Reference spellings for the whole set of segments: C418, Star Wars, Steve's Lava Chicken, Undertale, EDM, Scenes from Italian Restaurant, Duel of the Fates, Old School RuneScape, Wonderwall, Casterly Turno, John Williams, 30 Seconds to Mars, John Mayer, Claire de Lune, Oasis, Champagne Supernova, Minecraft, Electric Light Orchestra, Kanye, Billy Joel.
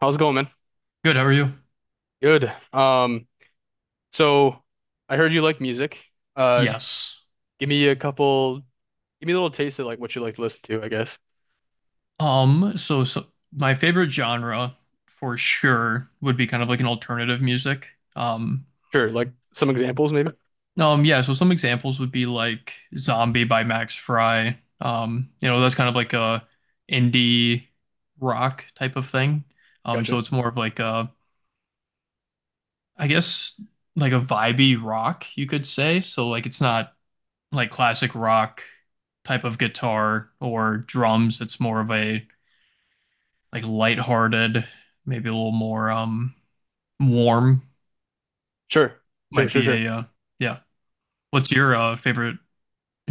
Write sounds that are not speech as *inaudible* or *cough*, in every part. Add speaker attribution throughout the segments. Speaker 1: How's it going, man?
Speaker 2: Good, how are you?
Speaker 1: Good. So I heard you like music. Uh,
Speaker 2: Yes.
Speaker 1: give me a couple, give me a little taste of like what you like to listen to, I guess.
Speaker 2: So my favorite genre for sure would be kind of like an alternative music. Um,
Speaker 1: Sure, like some examples maybe.
Speaker 2: yeah, so some examples would be like Zombie by Max Fry. That's kind of like a indie rock type of thing. So
Speaker 1: Gotcha.
Speaker 2: it's more of like a, I guess like a vibey rock, you could say. So like it's not like classic rock type of guitar or drums. It's more of a like lighthearted, maybe a little more warm
Speaker 1: Sure. Sure,
Speaker 2: might
Speaker 1: sure,
Speaker 2: be
Speaker 1: sure.
Speaker 2: a yeah. What's your favorite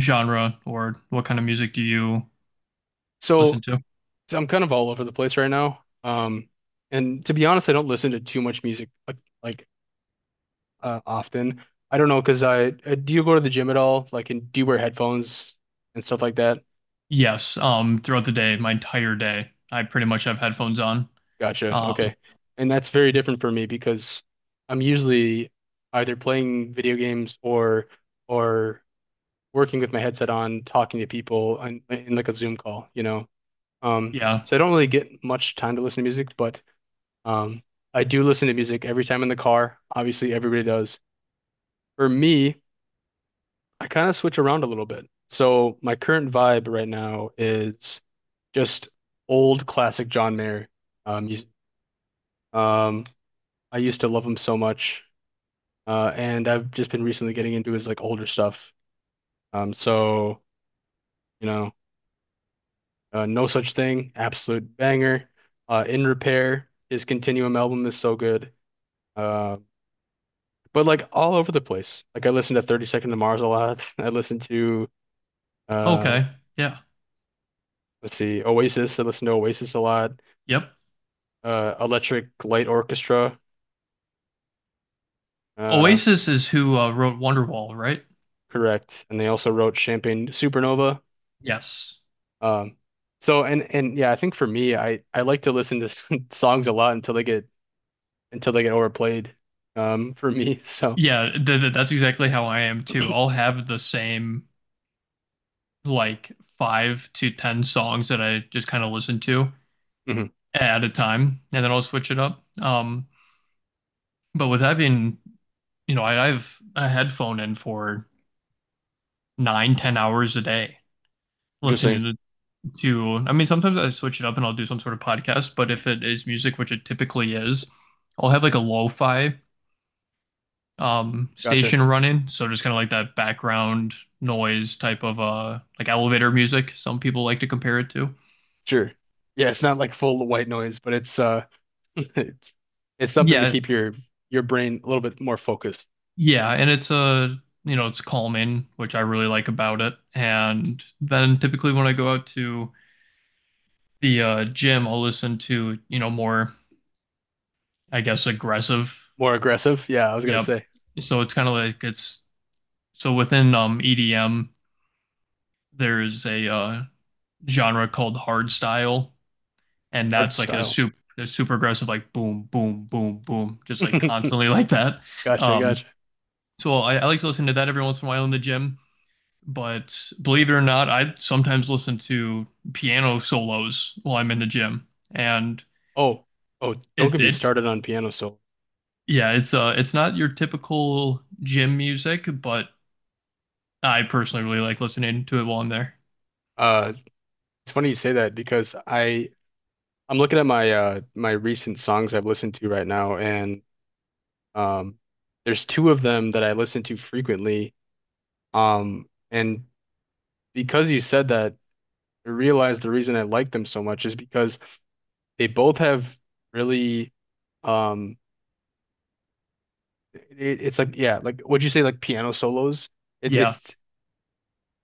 Speaker 2: genre or what kind of music do you
Speaker 1: So,
Speaker 2: listen to?
Speaker 1: so, I'm kind of all over the place right now. And to be honest, I don't listen to too much music like often. I don't know, 'cause I, do you go to the gym at all? Like, and do you wear headphones and stuff like that?
Speaker 2: Yes, throughout the day, my entire day, I pretty much have headphones on.
Speaker 1: Gotcha.
Speaker 2: Um
Speaker 1: Okay. And that's very different for me because I'm usually either playing video games or working with my headset on, talking to people on, in like a Zoom call, you know. Um,
Speaker 2: yeah.
Speaker 1: so I don't really get much time to listen to music, but um, I do listen to music every time in the car. Obviously, everybody does. For me, I kind of switch around a little bit. So my current vibe right now is just old classic John Mayer music. Um, I used to love him so much. And I've just been recently getting into his like older stuff. So you know, No Such Thing, absolute banger. In Repair, his Continuum album is so good. Uh, but like all over the place. Like I listen to 30 Seconds to Mars a lot. *laughs* I listen to uh,
Speaker 2: Okay. Yeah.
Speaker 1: let's see, Oasis. I listen to Oasis a lot.
Speaker 2: Yep.
Speaker 1: Electric Light Orchestra. Uh,
Speaker 2: Oasis is who wrote Wonderwall, right?
Speaker 1: correct. And they also wrote Champagne Supernova.
Speaker 2: Yes.
Speaker 1: Um, so and yeah, I think for me, I like to listen to *laughs* songs a lot until they get overplayed, *laughs* for me. So
Speaker 2: Yeah, that's exactly how I am too. I'll have the same like five to ten songs that I just kind of listen to,
Speaker 1: mhm.
Speaker 2: at a time, and then I'll switch it up. But with having, I've a headphone in for nine, 10 hours a day
Speaker 1: Interesting.
Speaker 2: listening to. I mean, sometimes I switch it up and I'll do some sort of podcast, but if it is music, which it typically is, I'll have like a lo-fi
Speaker 1: Gotcha.
Speaker 2: station running, so just kind of like that background noise type of like elevator music. Some people like to compare it to.
Speaker 1: Sure. Yeah, it's not like full white noise, but it's *laughs* it's it's something to
Speaker 2: Yeah,
Speaker 1: keep your brain a little bit more focused,
Speaker 2: Yeah, and it's a, it's calming, which I really like about it. And then typically when I go out to the gym, I'll listen to, more, I guess, aggressive.
Speaker 1: more aggressive. Yeah, I was gonna
Speaker 2: Yep.
Speaker 1: say
Speaker 2: So it's kind of like it's so within EDM, there's a genre called hard style, and
Speaker 1: art
Speaker 2: that's like
Speaker 1: style.
Speaker 2: a super aggressive, like boom, boom, boom, boom, just like
Speaker 1: *laughs*
Speaker 2: constantly *laughs* like that.
Speaker 1: Gotcha,
Speaker 2: Um,
Speaker 1: gotcha.
Speaker 2: so I like to listen to that every once in a while in the gym. But believe it or not, I sometimes listen to piano solos while I'm in the gym. And
Speaker 1: Oh, oh, don't get
Speaker 2: it
Speaker 1: me
Speaker 2: it's
Speaker 1: started on piano solo.
Speaker 2: yeah, it's not your typical gym music, but I personally really like listening to it while I'm there.
Speaker 1: Uh, it's funny you say that because I'm looking at my my recent songs I've listened to right now, and um, there's two of them that I listen to frequently. And because you said that, I realized the reason I like them so much is because they both have really, um, it's like yeah, like would you say like piano solos? It,
Speaker 2: Yeah.
Speaker 1: it's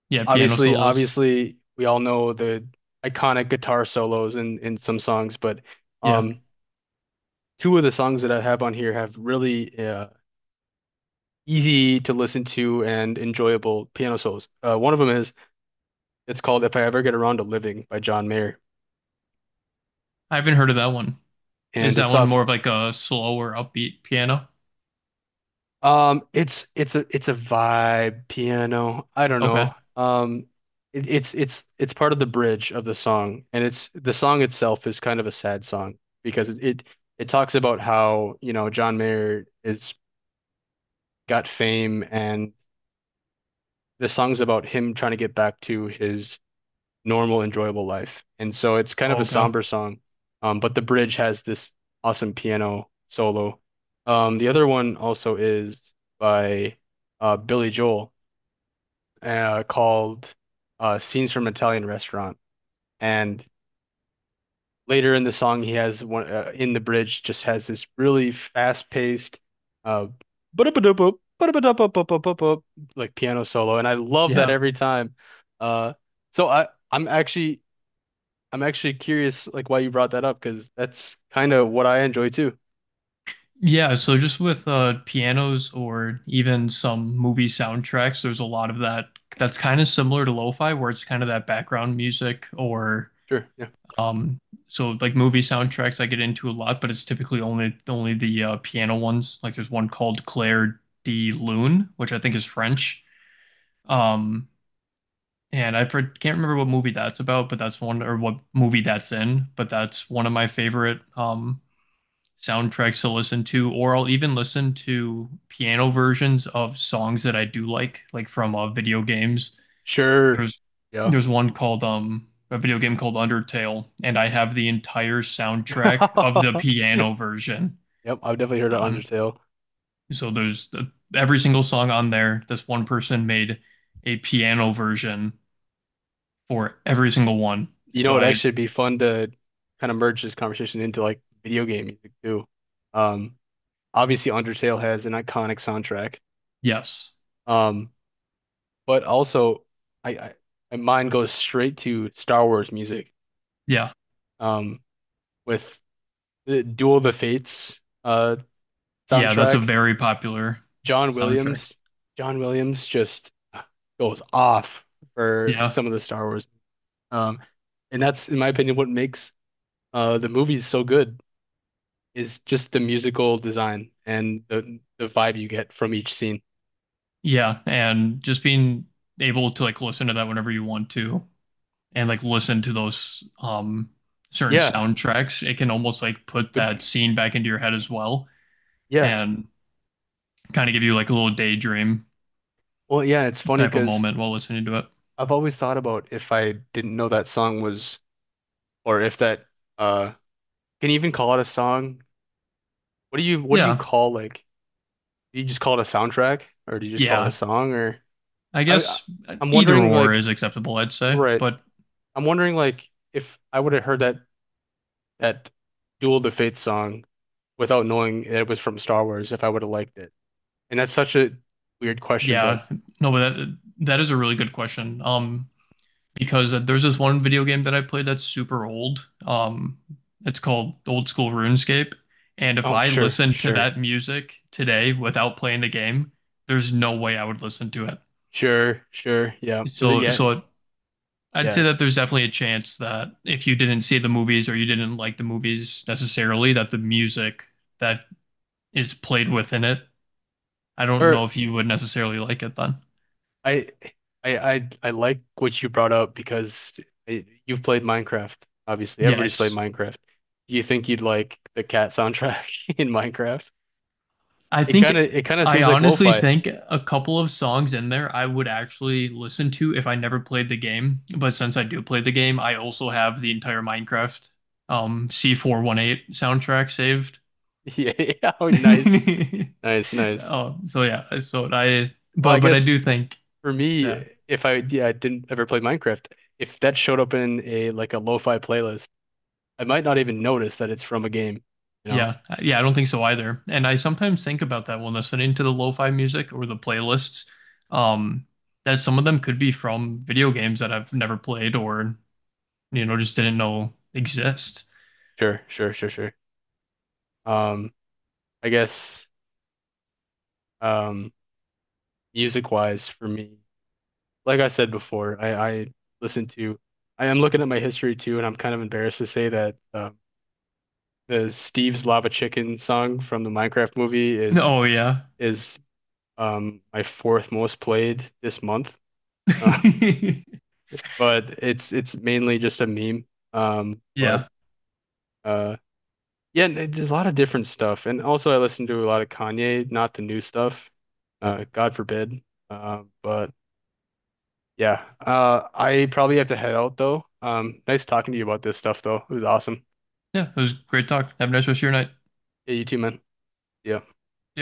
Speaker 2: Yeah, piano
Speaker 1: obviously
Speaker 2: solos.
Speaker 1: obviously we all know the iconic guitar solos in some songs, but
Speaker 2: Yeah.
Speaker 1: um, two of the songs that I have on here have really easy to listen to and enjoyable piano solos. One of them is it's called "If I Ever Get Around to Living" by John Mayer,
Speaker 2: I haven't heard of that one. Is
Speaker 1: and
Speaker 2: that
Speaker 1: it's
Speaker 2: one more
Speaker 1: off.
Speaker 2: of like a slower upbeat piano?
Speaker 1: It's it's a vibe piano. I don't
Speaker 2: Okay.
Speaker 1: know. It, it's part of the bridge of the song, and it's the song itself is kind of a sad song because it talks about how, you know, John Mayer is got fame, and the song's about him trying to get back to his normal, enjoyable life, and so it's kind of a
Speaker 2: Okay.
Speaker 1: somber song. But the bridge has this awesome piano solo. The other one also is by Billy Joel called "Scenes from Italian Restaurant," and later in the song, he has one in the bridge just has this really fast-paced, uh, ba-da-ba-da-ba, ba da ba ba ba ba like piano solo, and I love that
Speaker 2: Yeah.
Speaker 1: every time. Uh, so I'm actually curious like why you brought that up because that's kind of what I enjoy too.
Speaker 2: Yeah, so just with pianos or even some movie soundtracks, there's a lot of that that's kind of similar to lo-fi where it's kind of that background music or
Speaker 1: Sure, yeah,
Speaker 2: um so like movie soundtracks I get into a lot, but it's typically only the piano ones. Like there's one called Claire de Lune, which I think is French. Um and I can't remember what movie that's about, but that's one or what movie that's in, but that's one of my favorite soundtracks to listen to, or I'll even listen to piano versions of songs that I do like from video games.
Speaker 1: sure,
Speaker 2: There's
Speaker 1: yeah.
Speaker 2: there's one called a video game called Undertale, and I have the entire soundtrack of the
Speaker 1: *laughs*
Speaker 2: piano version
Speaker 1: Yep, I've definitely heard of
Speaker 2: on.
Speaker 1: Undertale.
Speaker 2: So there's the, every single song on there. This one person made a piano version for every single one.
Speaker 1: You know,
Speaker 2: So
Speaker 1: it'd
Speaker 2: I
Speaker 1: actually be fun to kind of merge this conversation into like video game music too. Um, obviously Undertale has an iconic soundtrack.
Speaker 2: yes,
Speaker 1: Um, but also I, my mind goes straight to Star Wars music.
Speaker 2: yeah,
Speaker 1: Um, with the Duel of the Fates
Speaker 2: yeah. That's a
Speaker 1: soundtrack,
Speaker 2: very popular
Speaker 1: John
Speaker 2: soundtrack.
Speaker 1: Williams, John Williams just goes off for
Speaker 2: Yeah.
Speaker 1: some of the Star Wars. Um, and that's in my opinion what makes the movies so good, is just the musical design and the vibe you get from each scene.
Speaker 2: Yeah, and just being able to like listen to that whenever you want to and like listen to those certain
Speaker 1: Yeah,
Speaker 2: soundtracks, it can almost like put that
Speaker 1: good.
Speaker 2: scene back into your head as well
Speaker 1: Yeah.
Speaker 2: and kind of give you like a little daydream
Speaker 1: Well, yeah, it's funny
Speaker 2: type of
Speaker 1: because
Speaker 2: moment while listening to it.
Speaker 1: I've always thought about if I didn't know that song was, or if that uh, can you even call it a song? What do you
Speaker 2: Yeah.
Speaker 1: call like? Do you just call it a soundtrack, or do you just call it a
Speaker 2: Yeah.
Speaker 1: song? Or
Speaker 2: I
Speaker 1: I I-
Speaker 2: guess
Speaker 1: I'm
Speaker 2: either
Speaker 1: wondering
Speaker 2: or is
Speaker 1: like
Speaker 2: acceptable, I'd say.
Speaker 1: right.
Speaker 2: But
Speaker 1: I'm wondering like if I would have heard that Duel to Fate song without knowing it was from Star Wars, if I would have liked it. And that's such a weird question, but
Speaker 2: yeah, no, but that is a really good question. Because there's this one video game that I played that's super old. It's called Old School RuneScape. And if
Speaker 1: oh,
Speaker 2: I
Speaker 1: sure,
Speaker 2: listened to
Speaker 1: sure,
Speaker 2: that music today without playing the game, there's no way I would listen to it.
Speaker 1: sure, sure, yeah, because it,
Speaker 2: So,
Speaker 1: yeah,
Speaker 2: so it, I'd say
Speaker 1: yeah.
Speaker 2: that there's definitely a chance that if you didn't see the movies or you didn't like the movies necessarily, that the music that is played within it, I don't know
Speaker 1: Or
Speaker 2: if you would necessarily like it then.
Speaker 1: I, I, I like what you brought up because you've played Minecraft. Obviously, everybody's played
Speaker 2: Yes.
Speaker 1: Minecraft. Do you think you'd like the cat soundtrack *laughs* in Minecraft?
Speaker 2: I
Speaker 1: It
Speaker 2: think
Speaker 1: kind of, it kind of
Speaker 2: I
Speaker 1: seems like
Speaker 2: honestly
Speaker 1: lo-fi. *laughs*
Speaker 2: think a couple of songs in there I would actually listen to if I never played the game. But since I do play the game, I also have the entire Minecraft C418 soundtrack saved.
Speaker 1: Yeah, oh, nice,
Speaker 2: *laughs*
Speaker 1: nice, nice.
Speaker 2: Oh, so yeah, so I
Speaker 1: Well,
Speaker 2: but
Speaker 1: I
Speaker 2: but I
Speaker 1: guess
Speaker 2: do think
Speaker 1: for me,
Speaker 2: that
Speaker 1: if I, yeah, I didn't ever play Minecraft. If that showed up in a like a lo-fi playlist, I might not even notice that it's from a game, you know?
Speaker 2: yeah, yeah, I don't think so either. And I sometimes think about that when listening to the lo-fi music or the playlists. Um that some of them could be from video games that I've never played or just didn't know exist.
Speaker 1: Sure, sure, sure, sure. Um, I guess um music wise for me, like I said before, I listen to. I am looking at my history too, and I'm kind of embarrassed to say that the Steve's Lava Chicken song from the Minecraft movie is
Speaker 2: Oh yeah.
Speaker 1: is my fourth most played this month.
Speaker 2: *laughs*
Speaker 1: Uh,
Speaker 2: yeah.
Speaker 1: *laughs* but it's mainly just a meme. But
Speaker 2: Yeah.
Speaker 1: uh yeah, and it- there's a lot of different stuff. And also I listen to a lot of Kanye, not the new stuff. God forbid. But yeah. I probably have to head out though. Nice talking to you about this stuff though. It was awesome.
Speaker 2: It was great talk. Have a nice rest of your night.
Speaker 1: Yeah, you too, man. Yeah.
Speaker 2: Yep.